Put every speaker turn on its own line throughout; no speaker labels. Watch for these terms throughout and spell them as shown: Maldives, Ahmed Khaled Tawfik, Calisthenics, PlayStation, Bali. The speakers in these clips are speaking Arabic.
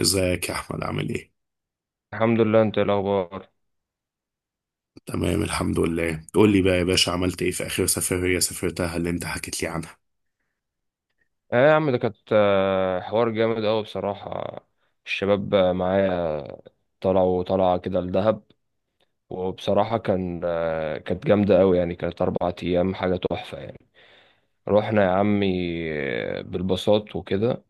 ازيك يا احمد، عامل ايه؟
الحمد لله، انت ايه الاخبار؟
تمام الحمد لله. قول لي بقى يا باشا، عملت ايه في اخر سفرية سافرتها اللي انت حكيت لي عنها؟
اه يا عم، ده كانت حوار جامد قوي بصراحه. الشباب معايا. طلعوا طلعه كده لدهب. وبصراحه كانت جامده قوي، يعني كانت 4 ايام حاجه تحفه يعني. رحنا يا عمي، بالباصات وكده.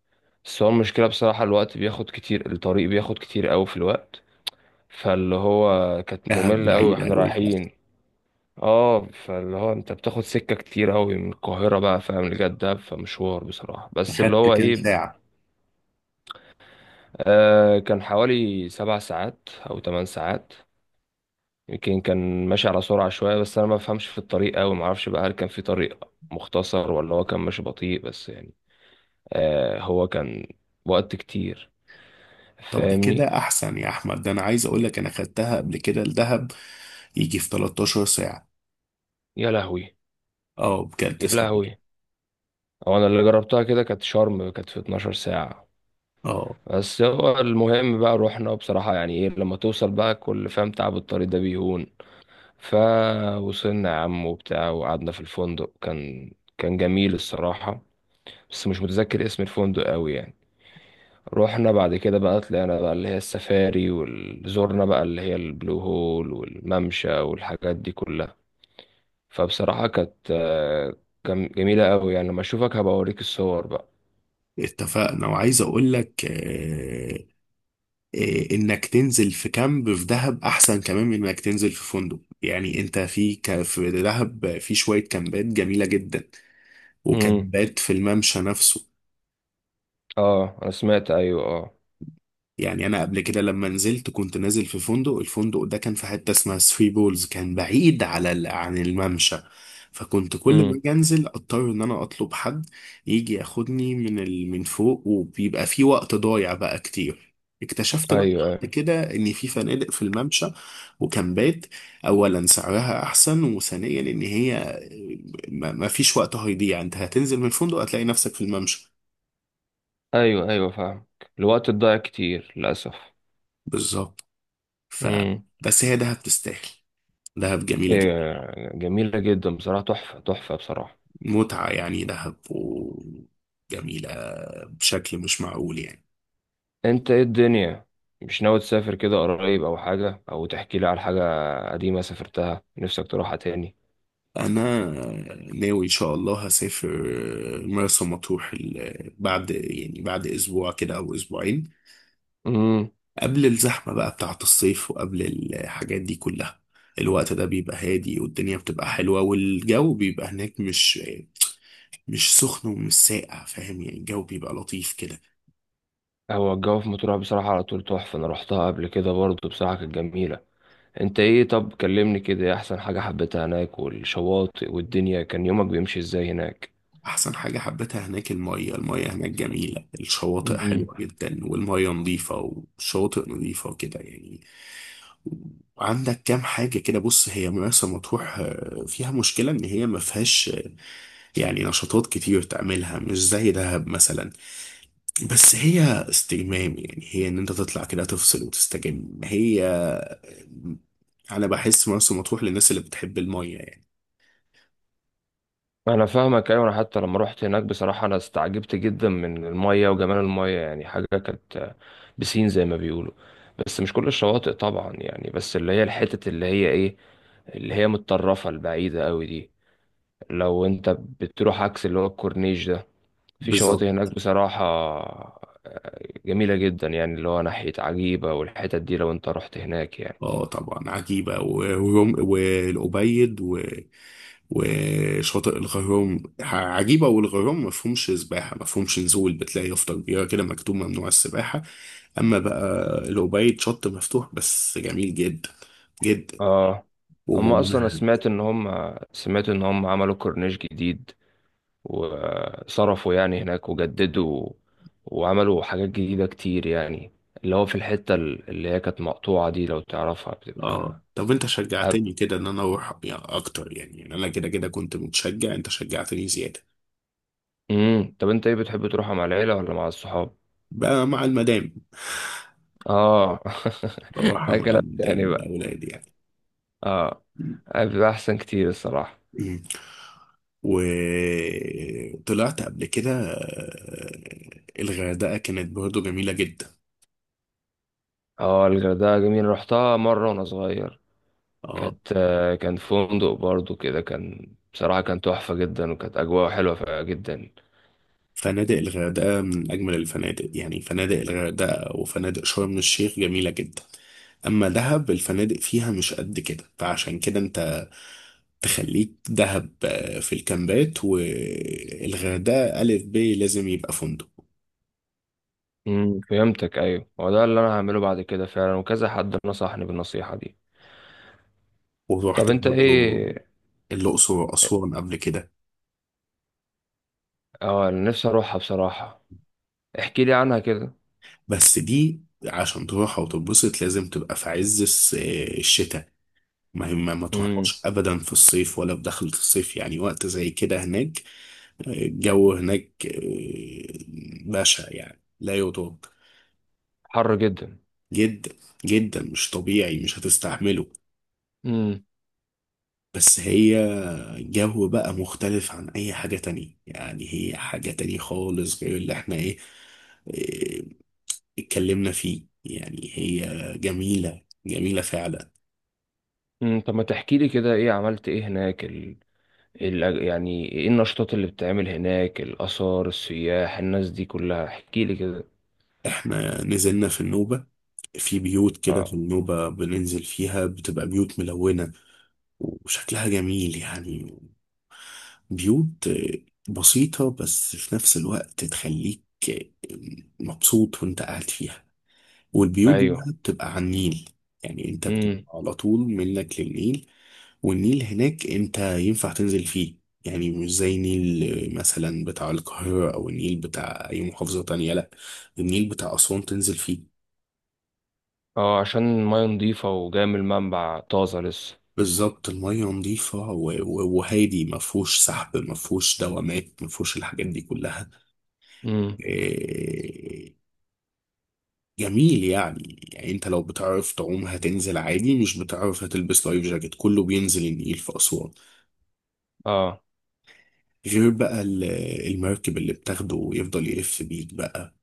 بس هو المشكله بصراحه، الوقت بياخد كتير، الطريق بياخد كتير قوي في الوقت. فاللي هو كانت
كانت
ممله قوي
بعيدة
واحنا
قوي فعلا.
رايحين. اه، فاللي هو انت بتاخد سكة كتير قوي من القاهرة بقى، فاهم، لجدة، فمشوار بصراحة، بس اللي
اخدت
هو
كام
ايه.
ساعة؟
آه، كان حوالي 7 ساعات او 8 ساعات. يمكن كان ماشي على سرعة شوية، بس انا ما بفهمش في الطريق قوي، ما اعرفش بقى هل كان في طريق مختصر ولا هو كان ماشي بطيء، بس يعني هو كان وقت كتير.
طب ده
فاهمني.
كده احسن يا احمد، ده انا عايز اقول لك انا خدتها قبل كده الدهب يجي في 13 ساعة.
يا لهوي،
اه بجد
يا
صدق.
لهوي. هو انا اللي جربتها كده كانت شرم، كانت في 12 ساعة.
اه،
بس هو المهم بقى روحنا بصراحة، يعني ايه لما توصل بقى، كل فاهم تعب الطريق ده بيهون. فوصلنا يا عم وبتاع، وقعدنا في الفندق، كان جميل الصراحة. بس مش متذكر اسم الفندق قوي يعني. روحنا بعد كده بقى، طلعنا بقى اللي هي السفاري، وزورنا بقى اللي هي البلو هول والممشى والحاجات دي كلها. فبصراحة كان جميلة قوي، يعني لما اشوفك هبقى اوريك الصور بقى.
اتفقنا وعايز اقول لك انك تنزل في كامب في دهب احسن كمان من انك تنزل في فندق. يعني انت في دهب في شوية كامبات جميلة جدا، وكان
امم.
بات في الممشى نفسه.
اه، انا سمعت، ايوه، اه.
يعني انا قبل كده لما نزلت كنت نازل في فندق، الفندق ده كان في حته اسمها ثري بولز، كان بعيد عن الممشى. فكنت كل ما
امم.
اجي انزل اضطر ان انا اطلب حد يجي ياخدني من فوق، وبيبقى في وقت ضايع بقى كتير. اكتشفت بقى
ايوه،
بعد كده ان في فنادق في الممشى وكامبات. اولا سعرها احسن، وثانيا ان هي ما فيش وقت هيضيع، انت هتنزل من الفندق هتلاقي نفسك في الممشى.
ايوه، ايوه، فاهم. الوقت الضايع كتير للاسف.
بالظبط. ف
امم.
بس هي دهب تستاهل، دهب جميلة جدا.
إيه جميله جدا بصراحه، تحفه تحفه بصراحه.
متعة يعني دهب، وجميلة بشكل مش معقول يعني.
انت ايه الدنيا؟ مش ناوي تسافر كده قريب او حاجه، او تحكي لي على حاجه قديمه سافرتها نفسك تروحها تاني؟
أنا ناوي إن شاء الله هسافر مرسى مطروح يعني بعد أسبوع كده أو أسبوعين،
امم.
قبل الزحمة بقى بتاعة الصيف وقبل الحاجات دي كلها. الوقت ده بيبقى هادي، والدنيا بتبقى حلوة، والجو بيبقى هناك مش سخن ومش ساقع، فاهم يعني؟ الجو بيبقى لطيف كده.
هو الجو في مطروح بصراحه على طول تحفه، انا رحتها قبل كده برضه بصراحه كانت جميله. انت ايه؟ طب كلمني كده، إيه احسن حاجه حبيتها هناك، والشواطئ، والدنيا كان يومك بيمشي ازاي هناك؟
احسن حاجة حبيتها هناك المية. المية هناك جميلة، الشواطئ حلوة جدا، والمية نظيفة، والشواطئ نظيفة وكده يعني. وعندك كام حاجة كده. بص، هي مرسى مطروح فيها مشكلة ان هي ما فيهاش يعني نشاطات كتير تعملها، مش زي دهب مثلا. بس هي استجمام يعني، هي ان انت تطلع كده تفصل وتستجم. هي انا بحس مرسى مطروح للناس اللي بتحب المية يعني.
انا فاهمك، ايوه، انا حتى لما رحت هناك بصراحه انا استعجبت جدا من الميه وجمال الميه، يعني حاجه كانت بسين زي ما بيقولوا. بس مش كل الشواطئ طبعا يعني، بس اللي هي الحتت، اللي هي ايه، اللي هي متطرفه البعيده قوي دي، لو انت بتروح عكس اللي هو الكورنيش ده، في شواطئ
بالظبط.
هناك بصراحه جميله جدا، يعني اللي هو ناحيه عجيبه، والحتت دي لو انت رحت هناك يعني.
اه طبعا عجيبة والأبيض، وشاطئ الغيوم عجيبة. والغيوم ما فيهمش سباحة، ما فيهمش نزول، بتلاقي يافطة كبيرة كده مكتوب ممنوع السباحة. أما بقى الأوبايد شط مفتوح، بس جميل جدا جدا،
اه. اما اصلا، أنا
وممهد.
سمعت ان هم عملوا كورنيش جديد، وصرفوا يعني هناك، وجددوا، وعملوا حاجات جديدة كتير يعني. اللي هو في الحتة اللي هي كانت مقطوعة دي، لو تعرفها
اه،
بتبقى
طب انت
أب...
شجعتني كده ان انا اروح يعني اكتر، يعني انا كده كده كنت متشجع، انت شجعتني زيادة.
مم. طب انت ايه، بتحب تروحها مع العيلة ولا مع الصحاب؟
بقى مع المدام.
اه.
بروح
ده
مع
كلام
المدام
تاني بقى.
والاولاد يعني.
اه. بيبقى احسن كتير الصراحة.
مم. وطلعت قبل كده الغردقة كانت برضه جميلة جدا.
اه، الغردقة جميل، رحتها مرة وانا صغير.
اه،
كان فندق برضو كده، كان بصراحة كان تحفة جدا، وكانت أجواء حلوة جدا.
فنادق الغردقة من أجمل الفنادق، يعني فنادق الغردقة وفنادق شرم الشيخ جميلة جدا. أما دهب الفنادق فيها مش قد كده، فعشان كده أنت تخليك دهب في الكامبات، والغردقة ألف ب لازم يبقى فندق.
فهمتك، ايوه، هو ده اللي انا هعمله بعد كده فعلا، وكذا حد نصحني بالنصيحة دي. طب
ورحت
انت
برضه
ايه؟
الأقصر وأسوان قبل كده.
اه، أنا نفسي اروحها بصراحة. احكي لي عنها كده.
بس دي عشان تروحها وتتبسط لازم تبقى في عز الشتاء. ما هي ما
امم.
تروحهاش ابدا في الصيف، ولا في دخلة الصيف يعني، وقت زي كده هناك. الجو هناك بشع يعني لا يطاق.
حر جدا.
جدا جدا، مش طبيعي، مش هتستحمله.
امم.
بس هي جو بقى مختلف عن اي حاجة تانية يعني، هي حاجة تانية خالص غير اللي احنا ايه آه، اتكلمنا فيه يعني. هي جميلة جميلة فعلا.
طب ما تحكي لي كده، ايه عملت ايه هناك، يعني ايه النشاطات اللي بتتعمل هناك، الاثار، السياح، الناس دي كلها، احكي لي كده.
احنا نزلنا في النوبة، في بيوت كده في
اه،
النوبة بننزل فيها، بتبقى بيوت ملونة، وشكلها جميل يعني. بيوت بسيطة بس في نفس الوقت تخليك مبسوط وانت قاعد فيها. والبيوت دي
ايوه،
بقى بتبقى على النيل، يعني انت بتبقى
امم،
على طول منك للنيل. والنيل هناك انت ينفع تنزل فيه، يعني مش زي نيل مثلا بتاع القاهرة او النيل بتاع اي محافظة تانية. لا، النيل بتاع أسوان تنزل فيه.
اه، عشان المية نضيفة وجاية من المنبع طازة لسه.
بالظبط، المية نظيفة وهادي، ما فيهوش سحب، ما فيهوش دوامات، ما فيهوش الحاجات دي كلها.
امم.
إيه، جميل يعني. انت لو بتعرف تعوم هتنزل عادي، مش بتعرف هتلبس لايف جاكيت، كله بينزل النيل في أسوان.
اه.
غير بقى المركب اللي بتاخده ويفضل يلف بيك بقى،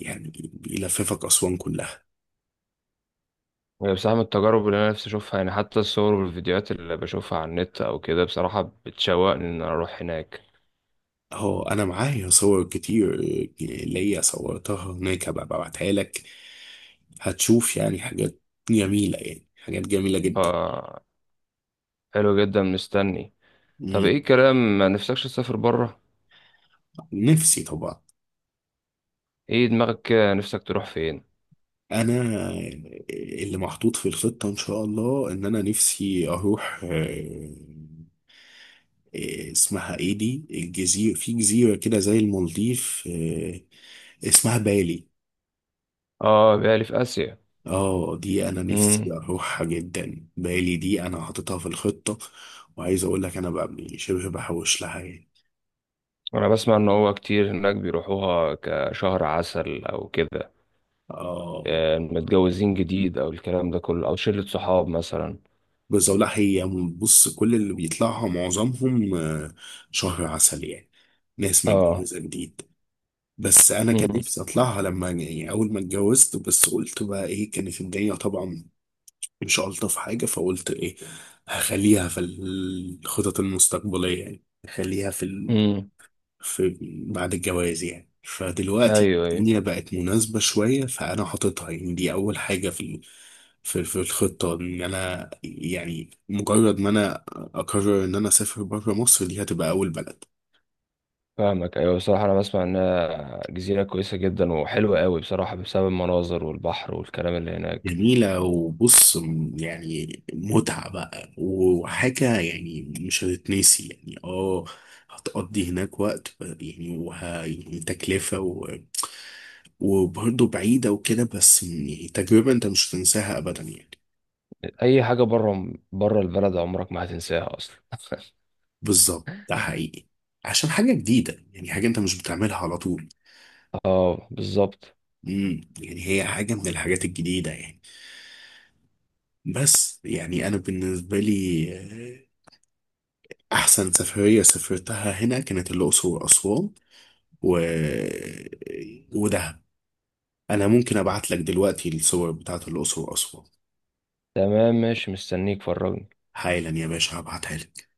يعني بيلففك أسوان كلها.
هي بصراحة من التجارب اللي أنا نفسي أشوفها، يعني حتى الصور والفيديوهات اللي بشوفها على النت أو كده بصراحة بتشوقني إن أنا أروح هناك.
هو انا معايا صور كتير، ليا صورتها هناك، هبقى ببعتها لك. هتشوف يعني حاجات جميلة، يعني حاجات جميلة
ف
جدا.
حلو جدا، مستني. طب
مم.
إيه الكلام، ما نفسكش تسافر بره؟
نفسي طبعا.
إيه دماغك كده، نفسك تروح فين؟
انا، اللي محطوط في الخطة ان شاء الله ان انا نفسي اروح اسمها ايه دي، الجزيرة، في جزيرة كده زي المالديف، اسمها بالي.
آه، بالي في آسيا.
اه، دي انا نفسي
مم.
اروحها جدا، بالي دي انا حاططها في الخطة. وعايز اقول لك انا بقى يعني شبه بحوش لها يعني.
أنا بسمع إن هو كتير هناك بيروحوها كشهر عسل أو كده.
اه.
متجوزين جديد أو الكلام ده كله، أو شلة صحاب مثلا.
بس أقول لك هي، بص، كل اللي بيطلعها معظمهم شهر عسل يعني، ناس
آه.
متجوزة جديد. بس انا كان
مم.
نفسي اطلعها لما يعني اول ما اتجوزت، بس قلت بقى ايه، كانت الدنيا طبعا مش الطف حاجة، فقلت ايه. هخليها في الخطط المستقبلية، يعني هخليها في
مم.
في بعد الجواز يعني. فدلوقتي
أيوه، أيوه.
الدنيا بقت مناسبة شوية، فأنا حاططها يعني، دي أول حاجة في الخطة، إن أنا يعني مجرد ما أنا أقرر إن أنا أسافر بره مصر دي هتبقى أول بلد.
فاهمك، ايوه، بصراحه انا بسمع انها جزيره كويسه جدا وحلوه قوي بصراحه، بسبب المناظر والبحر والكلام اللي هناك.
جميلة، وبص يعني متعة بقى وحاجة، يعني مش هتتنسي يعني، اه. هتقضي هناك وقت يعني يعني تكلفة وبرضه بعيدة وكده، بس يعني تجربة أنت مش هتنساها أبدا يعني.
اي حاجه بره، بره البلد عمرك ما هتنساها اصلا.
بالظبط ده حقيقي، عشان حاجة جديدة يعني، حاجة انت مش بتعملها على طول.
اه، بالظبط.
يعني هي حاجة من الحاجات الجديدة يعني. بس يعني انا بالنسبة لي احسن سفرية سافرتها هنا كانت الاقصر واسوان و... ودهب. انا ممكن ابعت لك دلوقتي الصور بتاعت الاقصر واسوان.
تمام، ماشي، مستنيك، فرجني.
حالا يا باشا هبعتها لك.